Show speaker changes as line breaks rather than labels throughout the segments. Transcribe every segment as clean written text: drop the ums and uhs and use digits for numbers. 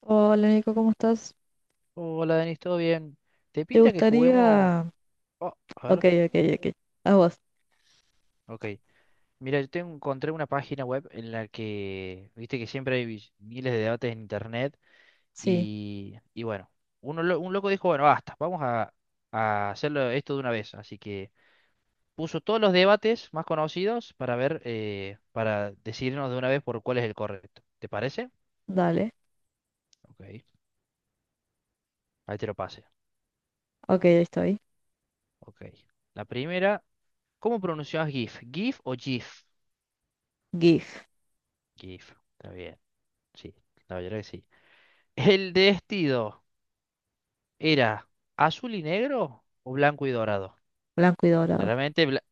Hola Nico, ¿cómo estás?
Hola, Denis, ¿todo bien? ¿Te
¿Te
pinta que juguemos?
gustaría?
Oh, a
Ok,
ver,
ok, ok. A vos.
ok. Mira, yo tengo, encontré una página web en la que, viste que siempre hay miles de debates en internet
Sí,
y bueno, un loco dijo, bueno, basta, vamos a, hacerlo esto de una vez. Así que puso todos los debates más conocidos para ver, para decidirnos de una vez por cuál es el correcto. ¿Te parece?
dale.
Ok, ahí te lo pasé.
Ok, ahí estoy.
Ok. La primera, ¿cómo pronunciás GIF? ¿GIF o GIF?
GIF.
GIF, está bien. Sí, la verdad que sí. ¿El vestido era azul y negro o blanco y dorado?
Blanco y dorado.
Claramente,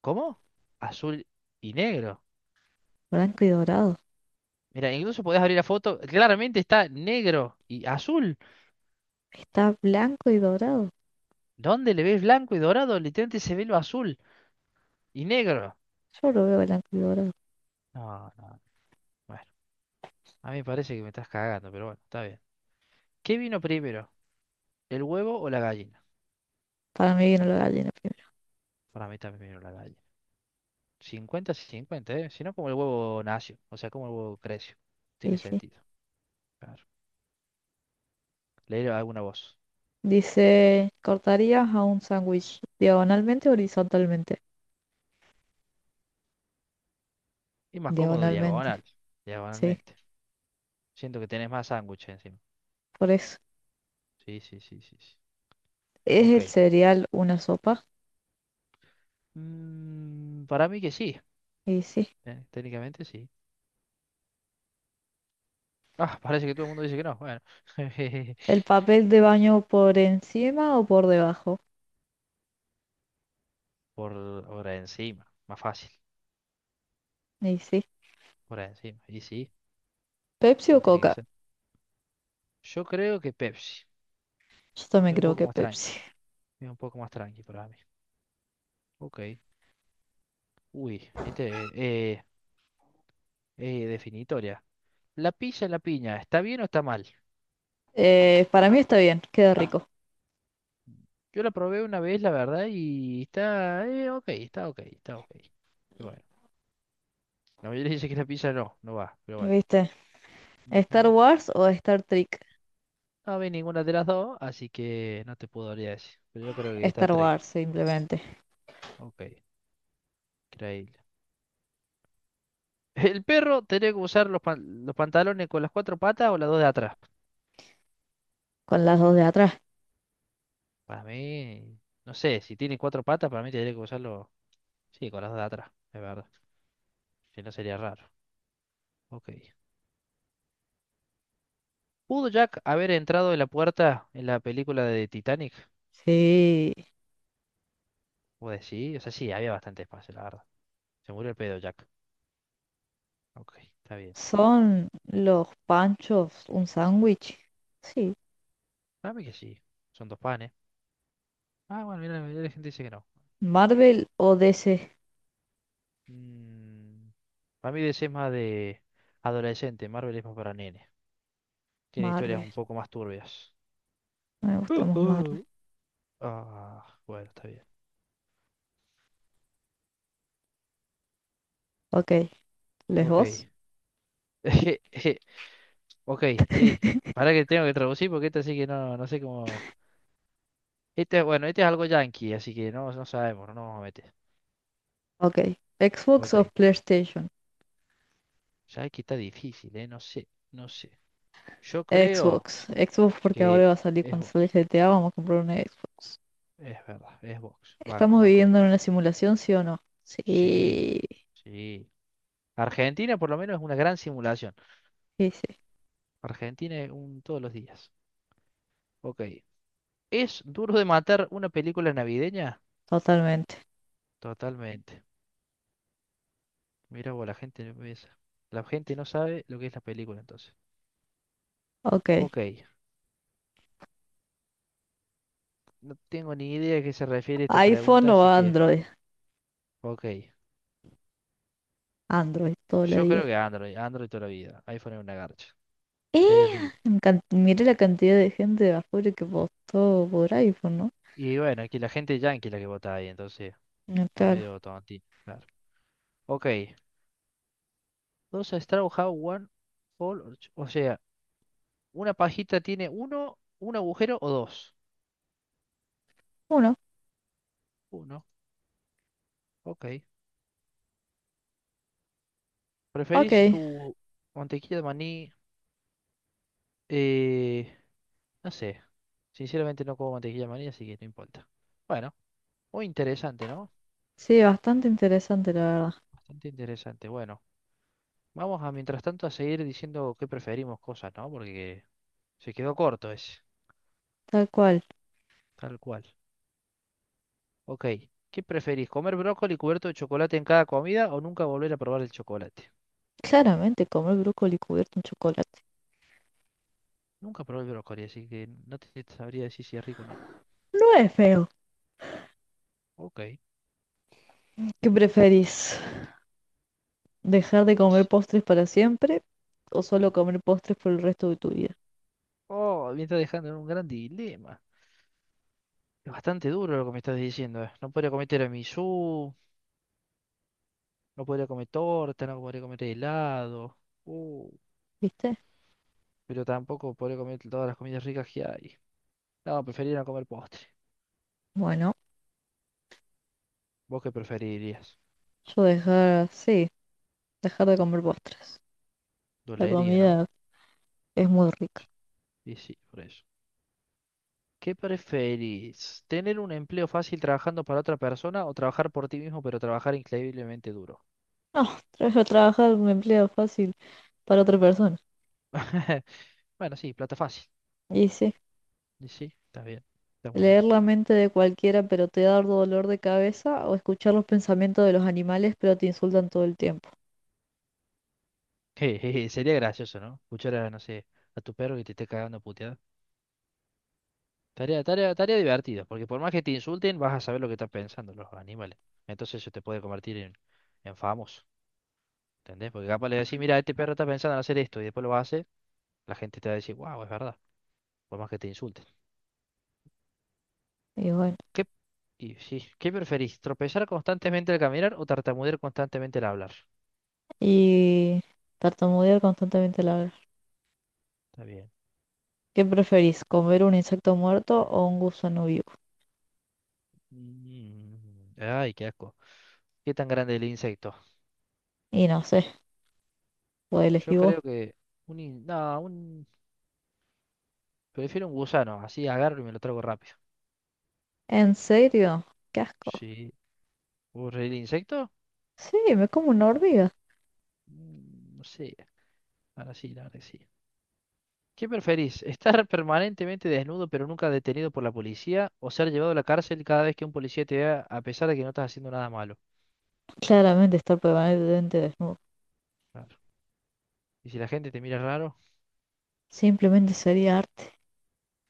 ¿cómo? Azul y negro.
Blanco y dorado.
Mira, incluso podés abrir la foto. Claramente está negro y azul.
Está blanco y dorado.
¿Dónde le ves blanco y dorado? Literalmente se ve lo azul y negro.
Yo lo veo blanco y dorado.
No, no, bueno. A mí me parece que me estás cagando, pero bueno, está bien. ¿Qué vino primero? ¿El huevo o la gallina?
Para mí vino la gallina primero.
Para mí también vino la gallina. 50, 50, ¿eh? Si no, como el huevo nació. O sea, como el huevo creció. Tiene
Y sí.
sentido. Claro. Leer alguna voz.
Dice, ¿cortarías a un sándwich diagonalmente o horizontalmente?
Y más cómodo
Diagonalmente.
diagonal,
Sí,
diagonalmente. Siento que tenés más sándwich encima.
por eso.
Sí, sí, sí, sí, sí.
¿Es
Ok.
el cereal una sopa?
Mm, para mí que sí,
Y sí.
técnicamente sí. Ah, parece que todo el mundo dice que no. Bueno,
¿El papel de baño por encima o por debajo?
por hora encima, más fácil.
Y sí.
Por encima. Y sí,
¿Pepsi o
como tiene que
Coca?
ser. Yo creo que Pepsi.
Yo también
Es un
creo
poco
que
más tranqui.
Pepsi.
Es un poco más tranqui para mí. Ok. Uy, definitoria. ¿La pizza en la piña está bien o está mal?
Para mí está bien, queda rico.
Yo la probé una vez, la verdad, y está ok, está ok, está ok. Y bueno, la mayoría dice que la pizza no, no va, pero bueno.
¿Viste? ¿Star
Ujú.
Wars o Star Trek?
No vi ninguna de las dos, así que no te podría decir. Pero yo creo que está
Star
tres.
Wars, simplemente.
Ok, increíble. ¿El perro tiene que usar los pantalones con las cuatro patas o las dos de atrás?
Con las dos de atrás.
Para mí, no sé, si tiene cuatro patas, para mí tendría que usarlo, sí, con las dos de atrás, es verdad. Si no sería raro. Ok. ¿Pudo Jack haber entrado en la puerta en la película de Titanic?
Sí.
Pues sí, o sea, sí, había bastante espacio, la verdad. Se murió el pedo, Jack. Ok, está bien.
¿Son los panchos un sándwich? Sí.
Para mí que sí. Son dos panes. Ah, bueno, mira, la mayoría de la gente dice que no.
¿Marvel o DC?
Mm, para mí DC es más de adolescente, Marvel es más para nenes. Tiene historias
Marvel.
un poco más turbias.
Me
Uh,
gustamos Marvel.
uh. Ah, bueno, está bien.
Ok. ¿Les vos?
Ok. Ok, sí. Para que tengo que traducir porque este sí que no, no sé cómo. Este, bueno, este es algo yankee, así que no, no sabemos, no nos vamos a meter.
Ok. ¿Xbox o
Ok.
PlayStation?
Ya que está difícil, ¿eh? No sé, no sé. Yo
Xbox.
creo sí,
Xbox porque ahora
que
va a salir
es
cuando sale
Vox.
GTA, vamos a comprar una Xbox.
Es verdad, es Vox. Banco,
¿Estamos
banco lo
viviendo
que
en una
es.
simulación, sí o no?
Sí,
Sí.
sí. Argentina por lo menos es una gran simulación.
Sí, sí,
Argentina es un todos los días. Ok. ¿Es duro de matar una película navideña?
totalmente.
Totalmente. Mira vos, la gente no piensa. La gente no sabe lo que es la película entonces.
Ok.
Ok. No tengo ni idea a qué se refiere esta
¿iPhone
pregunta,
o
así que...
Android?
Ok.
Android, todo el
Yo
día.
creo que Android, Android toda la vida. iPhone es una garcha.
¡Eh!
Terrible.
En Mire la cantidad de gente de afuera que votó por iPhone, ¿no?
Y bueno, aquí la gente yankee la que vota ahí, entonces
Mm,
son
claro.
medio tontines, claro. Ok, dos Straw Hat, One Hole, or o sea, una pajita tiene uno, un agujero o dos.
Uno.
Uno, ok. ¿Preferís
Ok.
tu mantequilla de maní? Eh, no sé, sinceramente no como mantequilla de maní, así que no importa. Bueno, muy interesante, ¿no?
Sí, bastante interesante, la verdad.
Bastante interesante. Bueno, vamos a mientras tanto a seguir diciendo qué preferimos cosas, ¿no? Porque se quedó corto ese,
Tal cual.
tal cual. Ok, ¿qué preferís? ¿Comer brócoli cubierto de chocolate en cada comida o nunca volver a probar el chocolate?
Claramente comer brócoli cubierto en chocolate.
Nunca probé el brócoli, así que no te sabría decir si es rico o no.
No es feo.
Ok.
¿Qué preferís? ¿Dejar de
Sí,
comer postres para siempre o solo
no.
comer postres por el resto de tu vida?
Oh, me está dejando en un gran dilema. Es bastante duro lo que me estás diciendo, eh. No podría comer tiramisú, no podría comer torta, no podría comer helado. Uh,
¿Viste?
pero tampoco podría comer todas las comidas ricas que hay. No, preferiría no comer postre.
Bueno,
¿Vos qué preferirías?
yo dejar, sí, dejar de comer postres. La
Dolería, ¿no?
comida es muy rica.
Y sí, por eso. ¿Qué preferís? ¿Tener un empleo fácil trabajando para otra persona o trabajar por ti mismo pero trabajar increíblemente duro?
No, trabajar un empleo fácil para otra persona.
Bueno, sí, plata fácil.
Y sí,
Y sí, está bien, está muy bien.
leer la mente de cualquiera pero te da dolor de cabeza o escuchar los pensamientos de los animales pero te insultan todo el tiempo.
Jejeje, sería gracioso, ¿no? Escuchar a, no sé, a tu perro que te esté cagando a puteada. Tarea, tarea, tarea divertida, porque por más que te insulten, vas a saber lo que están pensando los animales. Entonces eso te puede convertir en, famoso, ¿entendés? Porque capaz le decís, mira, este perro está pensando en hacer esto y después lo hace, la gente te va a decir, wow, es verdad, por más que te insulten.
Y bueno,
¿Qué, y sí, ¿qué preferís? ¿Tropezar constantemente al caminar o tartamudear constantemente al hablar?
y tartamudear constantemente la verdad.
Está bien.
¿Qué preferís, comer un insecto muerto o un gusano vivo?
Ay, qué asco. ¿Qué tan grande es el insecto?
Y no sé, puedo
Yo
elegir vos.
creo que no, un prefiero un gusano, así agarro y me lo trago rápido.
¿En serio? ¡Qué asco!
Sí. ¿Vos el insecto?
Sí, me como una hormiga.
No sé, ahora sí, la verdad que sí. ¿Qué preferís? ¿Estar permanentemente desnudo pero nunca detenido por la policía o ser llevado a la cárcel cada vez que un policía te vea a pesar de que no estás haciendo nada malo?
Claramente estar permanentemente desnudo.
Claro. Y si la gente te mira raro,
Simplemente sería arte.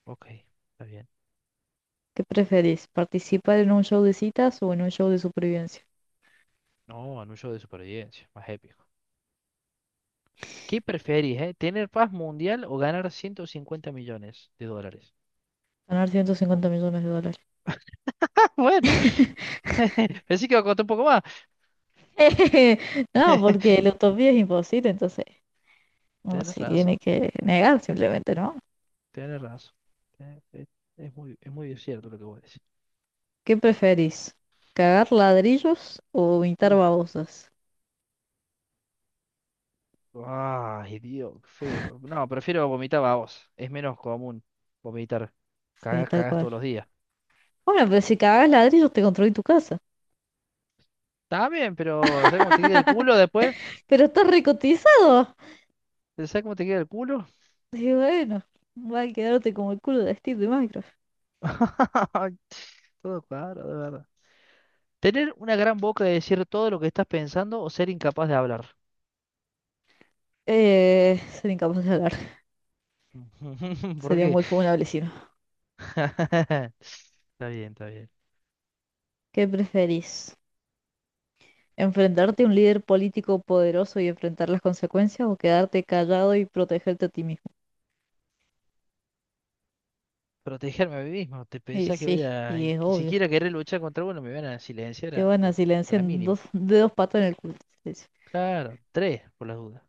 ok, está bien.
¿Qué preferís? ¿Participar en un show de citas o en un show de supervivencia?
No, anuncio de supervivencia, más épico. ¿Qué preferís, eh? ¿Tener paz mundial o ganar 150 millones de dólares?
Ganar
Oh,
150 millones de dólares.
bueno, pensé que iba a costar un poco más.
No, porque la utopía es imposible, entonces uno
Tienes
se
razón,
tiene que negar simplemente, ¿no?
tienes razón. Eh, eh, es muy cierto lo que vos decís.
¿Qué preferís? ¿Cagar ladrillos o pintar
Uf,
babosas?
ay, Dios, qué feo. No, prefiero vomitar babos. Es menos común vomitar.
Sí,
Cagás,
tal
cagás
cual.
todos los días.
Bueno, pero si cagas ladrillos te construí tu casa.
Está bien, pero ¿sabes cómo te queda el culo después?
Pero está recotizado.
¿Sabes cómo te queda el culo?
Y bueno, va a quedarte como el culo de Steve de Minecraft.
Todo claro, de verdad. Tener una gran boca de decir todo lo que estás pensando o ser incapaz de hablar.
Sería incapaz de hablar.
¿Por
Sería
qué?
muy funable si no.
Está bien, está bien.
¿Qué preferís? ¿Enfrentarte a un líder político poderoso y enfrentar las consecuencias o quedarte callado y protegerte a ti mismo?
Protegerme a mí mismo. ¿Te
Y
pensás que
sí,
voy a,
y
y
es obvio.
siquiera querer luchar contra uno, me van a silenciar
Te van a
a
silenciar
la
en
mínima?
de dos patas en el culo. Te silencio.
Claro, tres, por las dudas.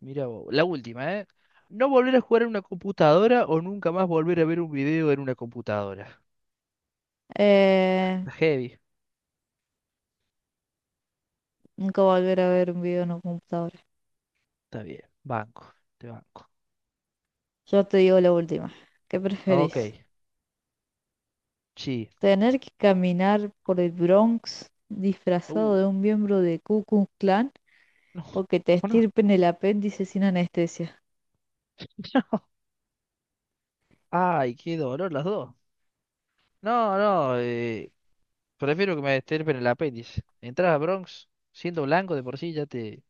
Mira vos. La última, ¿eh? No volver a jugar en una computadora o nunca más volver a ver un video en una computadora.
Eh,
Está heavy.
Nunca volver a ver un video en un computador.
Está bien. Banco. Te banco.
Yo te digo la última. ¿Qué preferís?
Ok. Sí.
¿Tener que caminar por el Bronx disfrazado
Uh.
de un miembro de Ku Klux Klan
No,
o que te
o no.
estirpen el apéndice sin anestesia?
Ay, qué dolor las dos. No, no, prefiero que me estirpen el apéndice. Entrar a Bronx siendo blanco de por sí ya te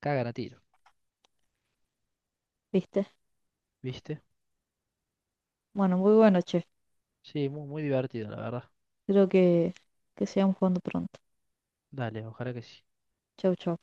cagan a tiro,
¿Viste?
¿viste?
Bueno, muy bueno, che.
Sí, muy, muy divertido, la verdad.
Creo que sigamos jugando pronto.
Dale, ojalá que sí.
Chau, chau.